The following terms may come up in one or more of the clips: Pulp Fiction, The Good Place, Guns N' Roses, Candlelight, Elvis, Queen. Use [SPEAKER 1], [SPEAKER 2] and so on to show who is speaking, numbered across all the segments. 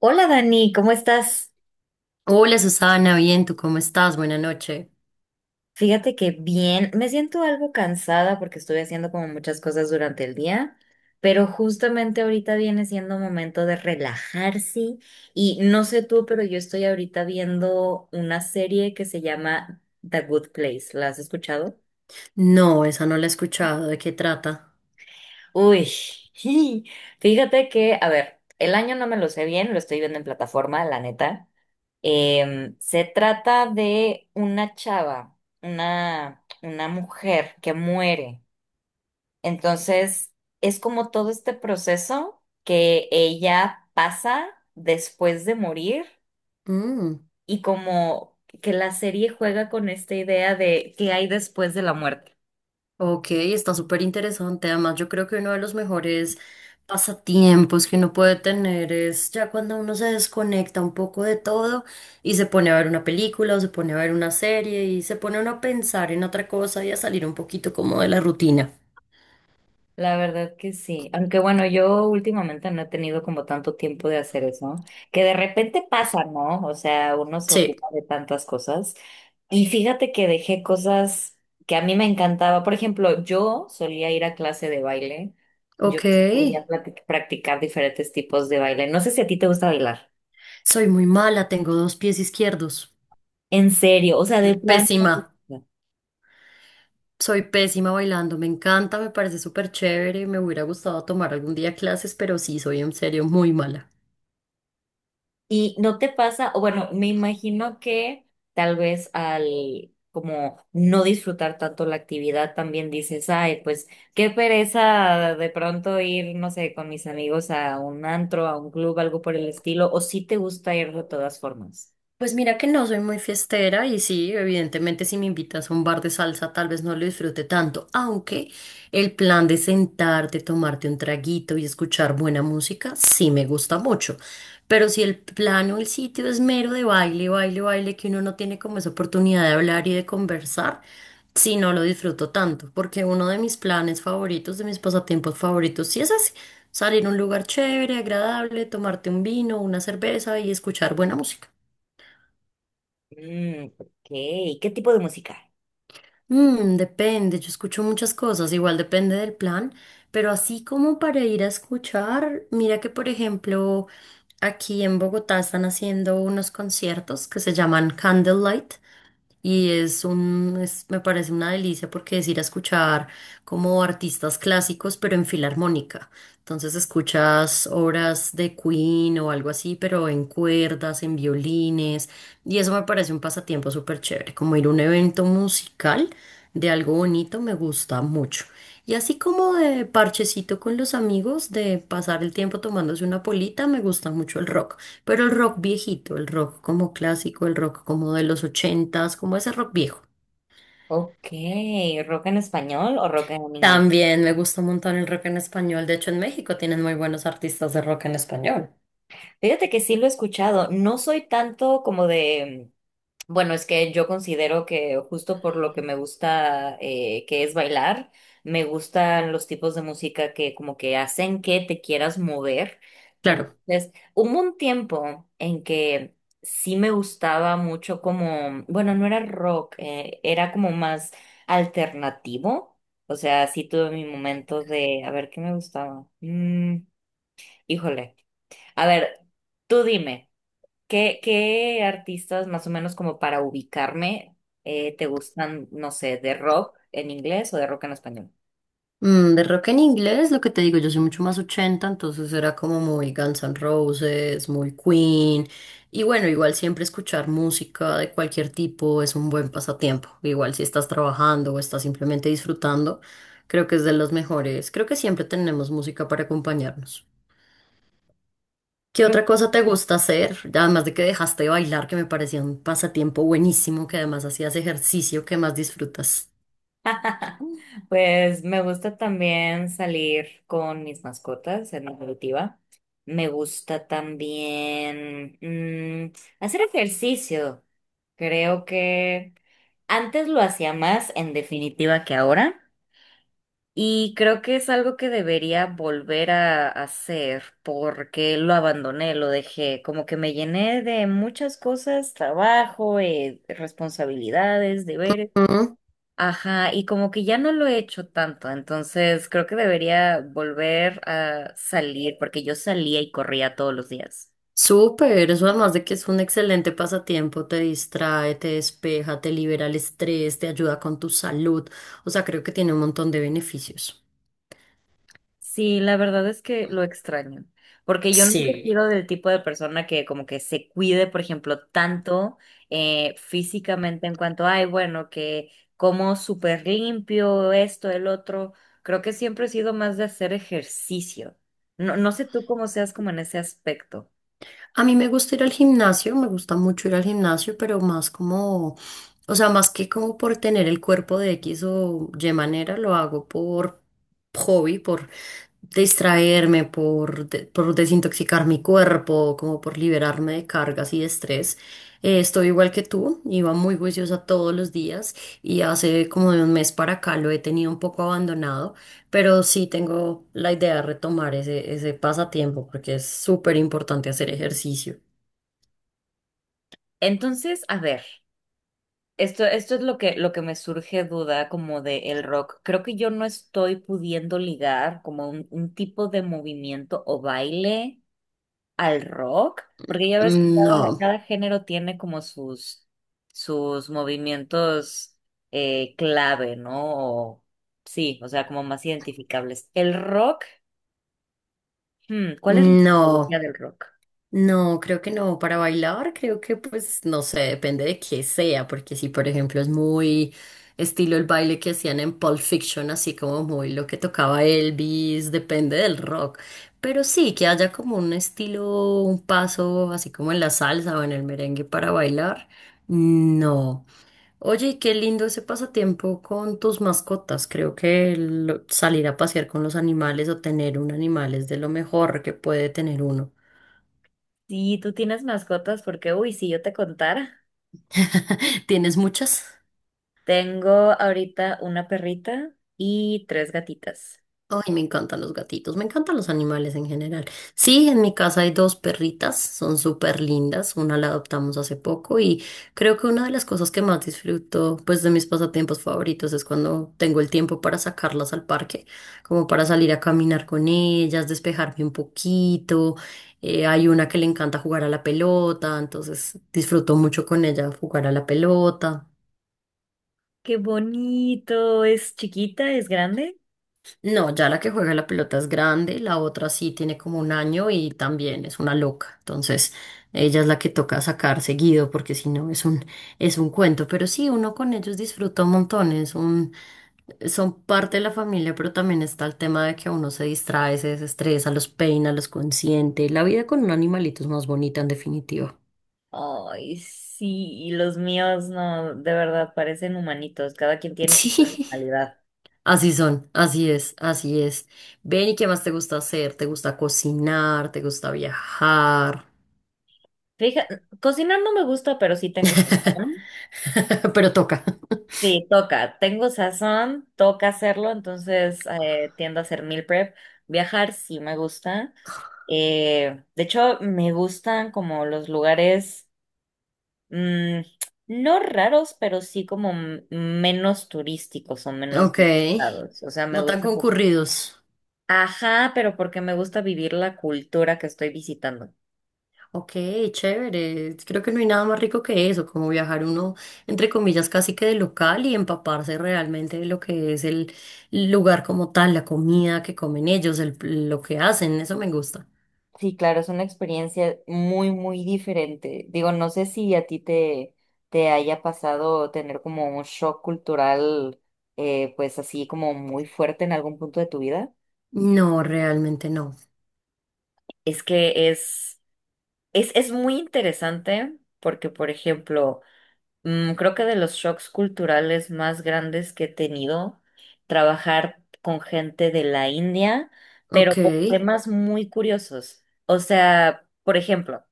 [SPEAKER 1] Hola Dani, ¿cómo estás?
[SPEAKER 2] Hola Susana, bien, ¿tú cómo estás? Buena noche.
[SPEAKER 1] Fíjate que bien, me siento algo cansada porque estuve haciendo como muchas cosas durante el día, pero justamente ahorita viene siendo momento de relajarse y no sé tú, pero yo estoy ahorita viendo una serie que se llama The Good Place. ¿La has escuchado?
[SPEAKER 2] No, esa no la he escuchado. ¿De qué trata?
[SPEAKER 1] Uy, fíjate que, a ver, el año no me lo sé bien, lo estoy viendo en plataforma, la neta. Se trata de una chava, una mujer que muere. Entonces, es como todo este proceso que ella pasa después de morir
[SPEAKER 2] Mm,
[SPEAKER 1] y como que la serie juega con esta idea de qué hay después de la muerte.
[SPEAKER 2] ok, está súper interesante. Además, yo creo que uno de los mejores pasatiempos que uno puede tener es ya cuando uno se desconecta un poco de todo y se pone a ver una película o se pone a ver una serie y se pone uno a pensar en otra cosa y a salir un poquito como de la rutina.
[SPEAKER 1] La verdad que sí, aunque bueno, yo últimamente no he tenido como tanto tiempo de hacer eso, que de repente pasa, ¿no? O sea, uno se
[SPEAKER 2] Sí,
[SPEAKER 1] ocupa de tantas cosas. Y fíjate que dejé cosas que a mí me encantaba. Por ejemplo, yo solía ir a clase de baile. Yo
[SPEAKER 2] ok.
[SPEAKER 1] practicar diferentes tipos de baile. No sé si a ti te gusta bailar.
[SPEAKER 2] Soy muy mala, tengo dos pies izquierdos.
[SPEAKER 1] En serio, o sea, de plan. No.
[SPEAKER 2] Pésima. Soy pésima bailando, me encanta, me parece súper chévere, me hubiera gustado tomar algún día clases, pero sí, soy en serio muy mala.
[SPEAKER 1] Y no te pasa, o bueno, me imagino que tal vez al como no disfrutar tanto la actividad también dices, ay, pues qué pereza de pronto ir, no sé, con mis amigos a un antro, a un club, algo por el estilo, o si te gusta ir de todas formas.
[SPEAKER 2] Pues mira que no soy muy fiestera y sí, evidentemente si me invitas a un bar de salsa tal vez no lo disfrute tanto, aunque el plan de sentarte, tomarte un traguito y escuchar buena música sí me gusta mucho. Pero si el plan o el sitio es mero de baile, baile, baile, que uno no tiene como esa oportunidad de hablar y de conversar, sí no lo disfruto tanto, porque uno de mis planes favoritos, de mis pasatiempos favoritos, sí es así, salir a un lugar chévere, agradable, tomarte un vino, una cerveza y escuchar buena música.
[SPEAKER 1] Mm, ok. ¿Qué tipo de música?
[SPEAKER 2] Mm, depende, yo escucho muchas cosas, igual depende del plan, pero así como para ir a escuchar, mira que por ejemplo aquí en Bogotá están haciendo unos conciertos que se llaman Candlelight. Y es me parece una delicia porque es ir a escuchar como artistas clásicos, pero en filarmónica. Entonces escuchas obras de Queen o algo así, pero en cuerdas, en violines. Y eso me parece un pasatiempo súper chévere. Como ir a un evento musical de algo bonito me gusta mucho. Y así como de parchecito con los amigos, de pasar el tiempo tomándose una polita, me gusta mucho el rock. Pero el rock viejito, el rock como clásico, el rock como de los ochentas, como ese rock viejo.
[SPEAKER 1] Ok, ¿rock en español o rock en inglés?
[SPEAKER 2] También me gusta un montón el rock en español. De hecho, en México tienen muy buenos artistas de rock en español.
[SPEAKER 1] Fíjate que sí lo he escuchado. No soy tanto como de, bueno, es que yo considero que justo por lo que me gusta, que es bailar, me gustan los tipos de música que como que hacen que te quieras mover.
[SPEAKER 2] Claro.
[SPEAKER 1] Entonces, hubo un tiempo en que sí me gustaba mucho como, bueno, no era rock, era como más alternativo. O sea, sí tuve mi momento de, a ver, ¿qué me gustaba? Híjole. A ver, tú dime. ¿Qué, qué artistas, más o menos como para ubicarme, te gustan, no sé, de rock en inglés o de rock en español?
[SPEAKER 2] Mm, de rock en inglés, lo que te digo, yo soy mucho más ochenta, entonces era como muy Guns N' Roses, muy Queen. Y bueno, igual siempre escuchar música de cualquier tipo es un buen pasatiempo. Igual si estás trabajando o estás simplemente disfrutando, creo que es de los mejores. Creo que siempre tenemos música para acompañarnos. ¿Qué
[SPEAKER 1] Creo.
[SPEAKER 2] otra cosa te gusta hacer? Además de que dejaste de bailar, que me parecía un pasatiempo buenísimo, que además hacías ejercicio, que más disfrutas?
[SPEAKER 1] Pues me gusta también salir con mis mascotas en definitiva. Me gusta también, hacer ejercicio. Creo que antes lo hacía más en definitiva que ahora. Y creo que es algo que debería volver a hacer porque lo abandoné, lo dejé, como que me llené de muchas cosas, trabajo, responsabilidades, deberes.
[SPEAKER 2] Mm.
[SPEAKER 1] Ajá, y como que ya no lo he hecho tanto, entonces creo que debería volver a salir porque yo salía y corría todos los días.
[SPEAKER 2] Súper, eso además de que es un excelente pasatiempo, te distrae, te despeja, te libera el estrés, te ayuda con tu salud, o sea, creo que tiene un montón de beneficios.
[SPEAKER 1] Sí, la verdad es que lo extraño, porque yo nunca he
[SPEAKER 2] Sí.
[SPEAKER 1] sido del tipo de persona que como que se cuide, por ejemplo, tanto físicamente en cuanto, ay, bueno, que como súper limpio, esto, el otro. Creo que siempre he sido más de hacer ejercicio. No, sé tú cómo seas como en ese aspecto.
[SPEAKER 2] A mí me gusta ir al gimnasio, me gusta mucho ir al gimnasio, pero más como, o sea, más que como por tener el cuerpo de X o Y manera, lo hago por hobby, por distraerme, por desintoxicar mi cuerpo, como por liberarme de cargas y de estrés. Estoy igual que tú, iba muy juiciosa todos los días y hace como de un mes para acá lo he tenido un poco abandonado. Pero sí tengo la idea de retomar ese pasatiempo porque es súper importante hacer ejercicio.
[SPEAKER 1] Entonces, a ver, esto es lo que me surge duda como de el rock. Creo que yo no estoy pudiendo ligar como un tipo de movimiento o baile al rock, porque ya ves que cada,
[SPEAKER 2] No,
[SPEAKER 1] cada género tiene como sus, sus movimientos, clave, ¿no? O sí, o sea, como más identificables. El rock, hmm, ¿cuál es la psicología
[SPEAKER 2] no,
[SPEAKER 1] del rock?
[SPEAKER 2] no, creo que no. Para bailar, creo que pues no sé, depende de qué sea, porque si por ejemplo es muy estilo el baile que hacían en Pulp Fiction, así como muy lo que tocaba Elvis, depende del rock. Pero sí, que haya como un estilo, un paso, así como en la salsa o en el merengue para bailar. No. Oye, y qué lindo ese pasatiempo con tus mascotas. Creo que el salir a pasear con los animales o tener un animal es de lo mejor que puede tener uno.
[SPEAKER 1] Si tú tienes mascotas, porque, uy, si yo te contara,
[SPEAKER 2] ¿Tienes muchas?
[SPEAKER 1] tengo ahorita una perrita y tres gatitas.
[SPEAKER 2] Ay, me encantan los gatitos, me encantan los animales en general. Sí, en mi casa hay dos perritas, son súper lindas, una la adoptamos hace poco y creo que una de las cosas que más disfruto, pues de mis pasatiempos favoritos es cuando tengo el tiempo para sacarlas al parque, como para salir a caminar con ellas, despejarme un poquito. Hay una que le encanta jugar a la pelota, entonces disfruto mucho con ella jugar a la pelota.
[SPEAKER 1] Qué bonito, ¿es chiquita, es grande?
[SPEAKER 2] No, ya la que juega la pelota es grande, la otra sí tiene como un año y también es una loca. Entonces, ella es la que toca sacar seguido porque si no es un, es un cuento. Pero sí, uno con ellos disfruta un montón, son parte de la familia, pero también está el tema de que uno se distrae, se desestresa, los peina, los consiente. La vida con un animalito es más bonita en definitiva.
[SPEAKER 1] Ay, sí, y los míos no, de verdad, parecen humanitos, cada quien tiene su
[SPEAKER 2] Sí,
[SPEAKER 1] personalidad.
[SPEAKER 2] así son, así es, así es. Ven, ¿y qué más te gusta hacer? ¿Te gusta cocinar? ¿Te gusta viajar?
[SPEAKER 1] Fíjate, cocinar no me gusta, pero sí tengo sazón.
[SPEAKER 2] Pero toca.
[SPEAKER 1] Sí, toca, tengo sazón, toca hacerlo, entonces, tiendo a hacer meal prep. Viajar sí me gusta. De hecho, me gustan como los lugares, mm, no raros, pero sí como menos turísticos o menos
[SPEAKER 2] Ok,
[SPEAKER 1] visitados. O sea, me
[SPEAKER 2] no tan
[SPEAKER 1] gusta.
[SPEAKER 2] concurridos.
[SPEAKER 1] Ajá, pero porque me gusta vivir la cultura que estoy visitando.
[SPEAKER 2] Ok, chévere. Creo que no hay nada más rico que eso, como viajar uno, entre comillas, casi que de local y empaparse realmente de lo que es el lugar como tal, la comida que comen ellos, lo que hacen, eso me gusta.
[SPEAKER 1] Sí, claro, es una experiencia muy, muy diferente. Digo, no sé si a ti te, te haya pasado tener como un shock cultural, pues así como muy fuerte en algún punto de tu vida.
[SPEAKER 2] No, realmente no.
[SPEAKER 1] Es que es muy interesante porque, por ejemplo, creo que de los shocks culturales más grandes que he tenido, trabajar con gente de la India, pero
[SPEAKER 2] Ok.
[SPEAKER 1] con temas muy curiosos. O sea, por ejemplo,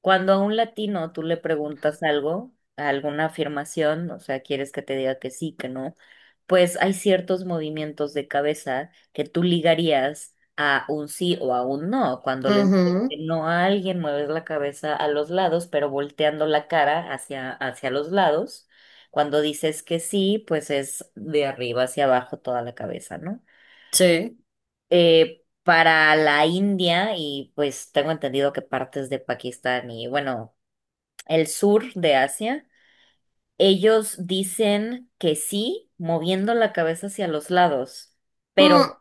[SPEAKER 1] cuando a un latino tú le preguntas algo, alguna afirmación, o sea, quieres que te diga que sí, que no, pues hay ciertos movimientos de cabeza que tú ligarías a un sí o a un no. Cuando le
[SPEAKER 2] Ujú.
[SPEAKER 1] no a alguien, mueves la cabeza a los lados, pero volteando la cara hacia, hacia los lados. Cuando dices que sí, pues es de arriba hacia abajo toda la cabeza, ¿no?
[SPEAKER 2] Sí.
[SPEAKER 1] Para la India, y pues tengo entendido que partes de Pakistán y bueno, el sur de Asia, ellos dicen que sí, moviendo la cabeza hacia los lados, pero
[SPEAKER 2] Mm,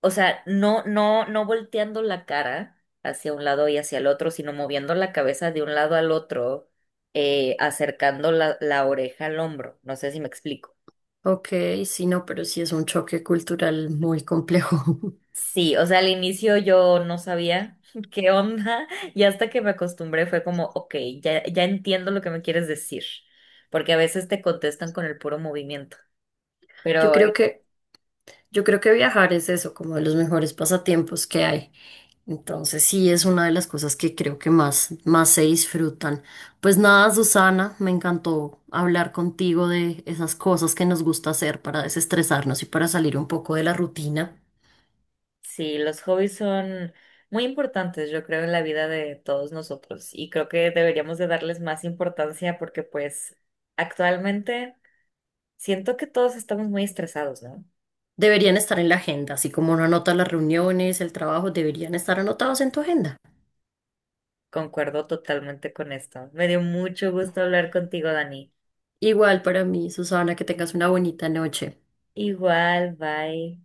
[SPEAKER 1] o sea, no volteando la cara hacia un lado y hacia el otro, sino moviendo la cabeza de un lado al otro, acercando la, la oreja al hombro. No sé si me explico.
[SPEAKER 2] ok, sí, no, pero sí es un choque cultural muy complejo.
[SPEAKER 1] Sí, o sea, al inicio yo no sabía qué onda y hasta que me acostumbré fue como, ok, ya entiendo lo que me quieres decir, porque a veces te contestan con el puro movimiento,
[SPEAKER 2] Yo
[SPEAKER 1] pero
[SPEAKER 2] creo que, yo creo que viajar es eso, como de los mejores pasatiempos que hay. Entonces sí es una de las cosas que creo que más, más se disfrutan. Pues nada, Susana, me encantó hablar contigo de esas cosas que nos gusta hacer para desestresarnos y para salir un poco de la rutina.
[SPEAKER 1] sí, los hobbies son muy importantes, yo creo, en la vida de todos nosotros y creo que deberíamos de darles más importancia porque pues actualmente siento que todos estamos muy estresados, ¿no?
[SPEAKER 2] Deberían estar en la agenda, así como uno anota las reuniones, el trabajo, deberían estar anotados en tu agenda.
[SPEAKER 1] Concuerdo totalmente con esto. Me dio mucho gusto hablar contigo, Dani.
[SPEAKER 2] Igual para mí, Susana, que tengas una bonita noche.
[SPEAKER 1] Igual, bye.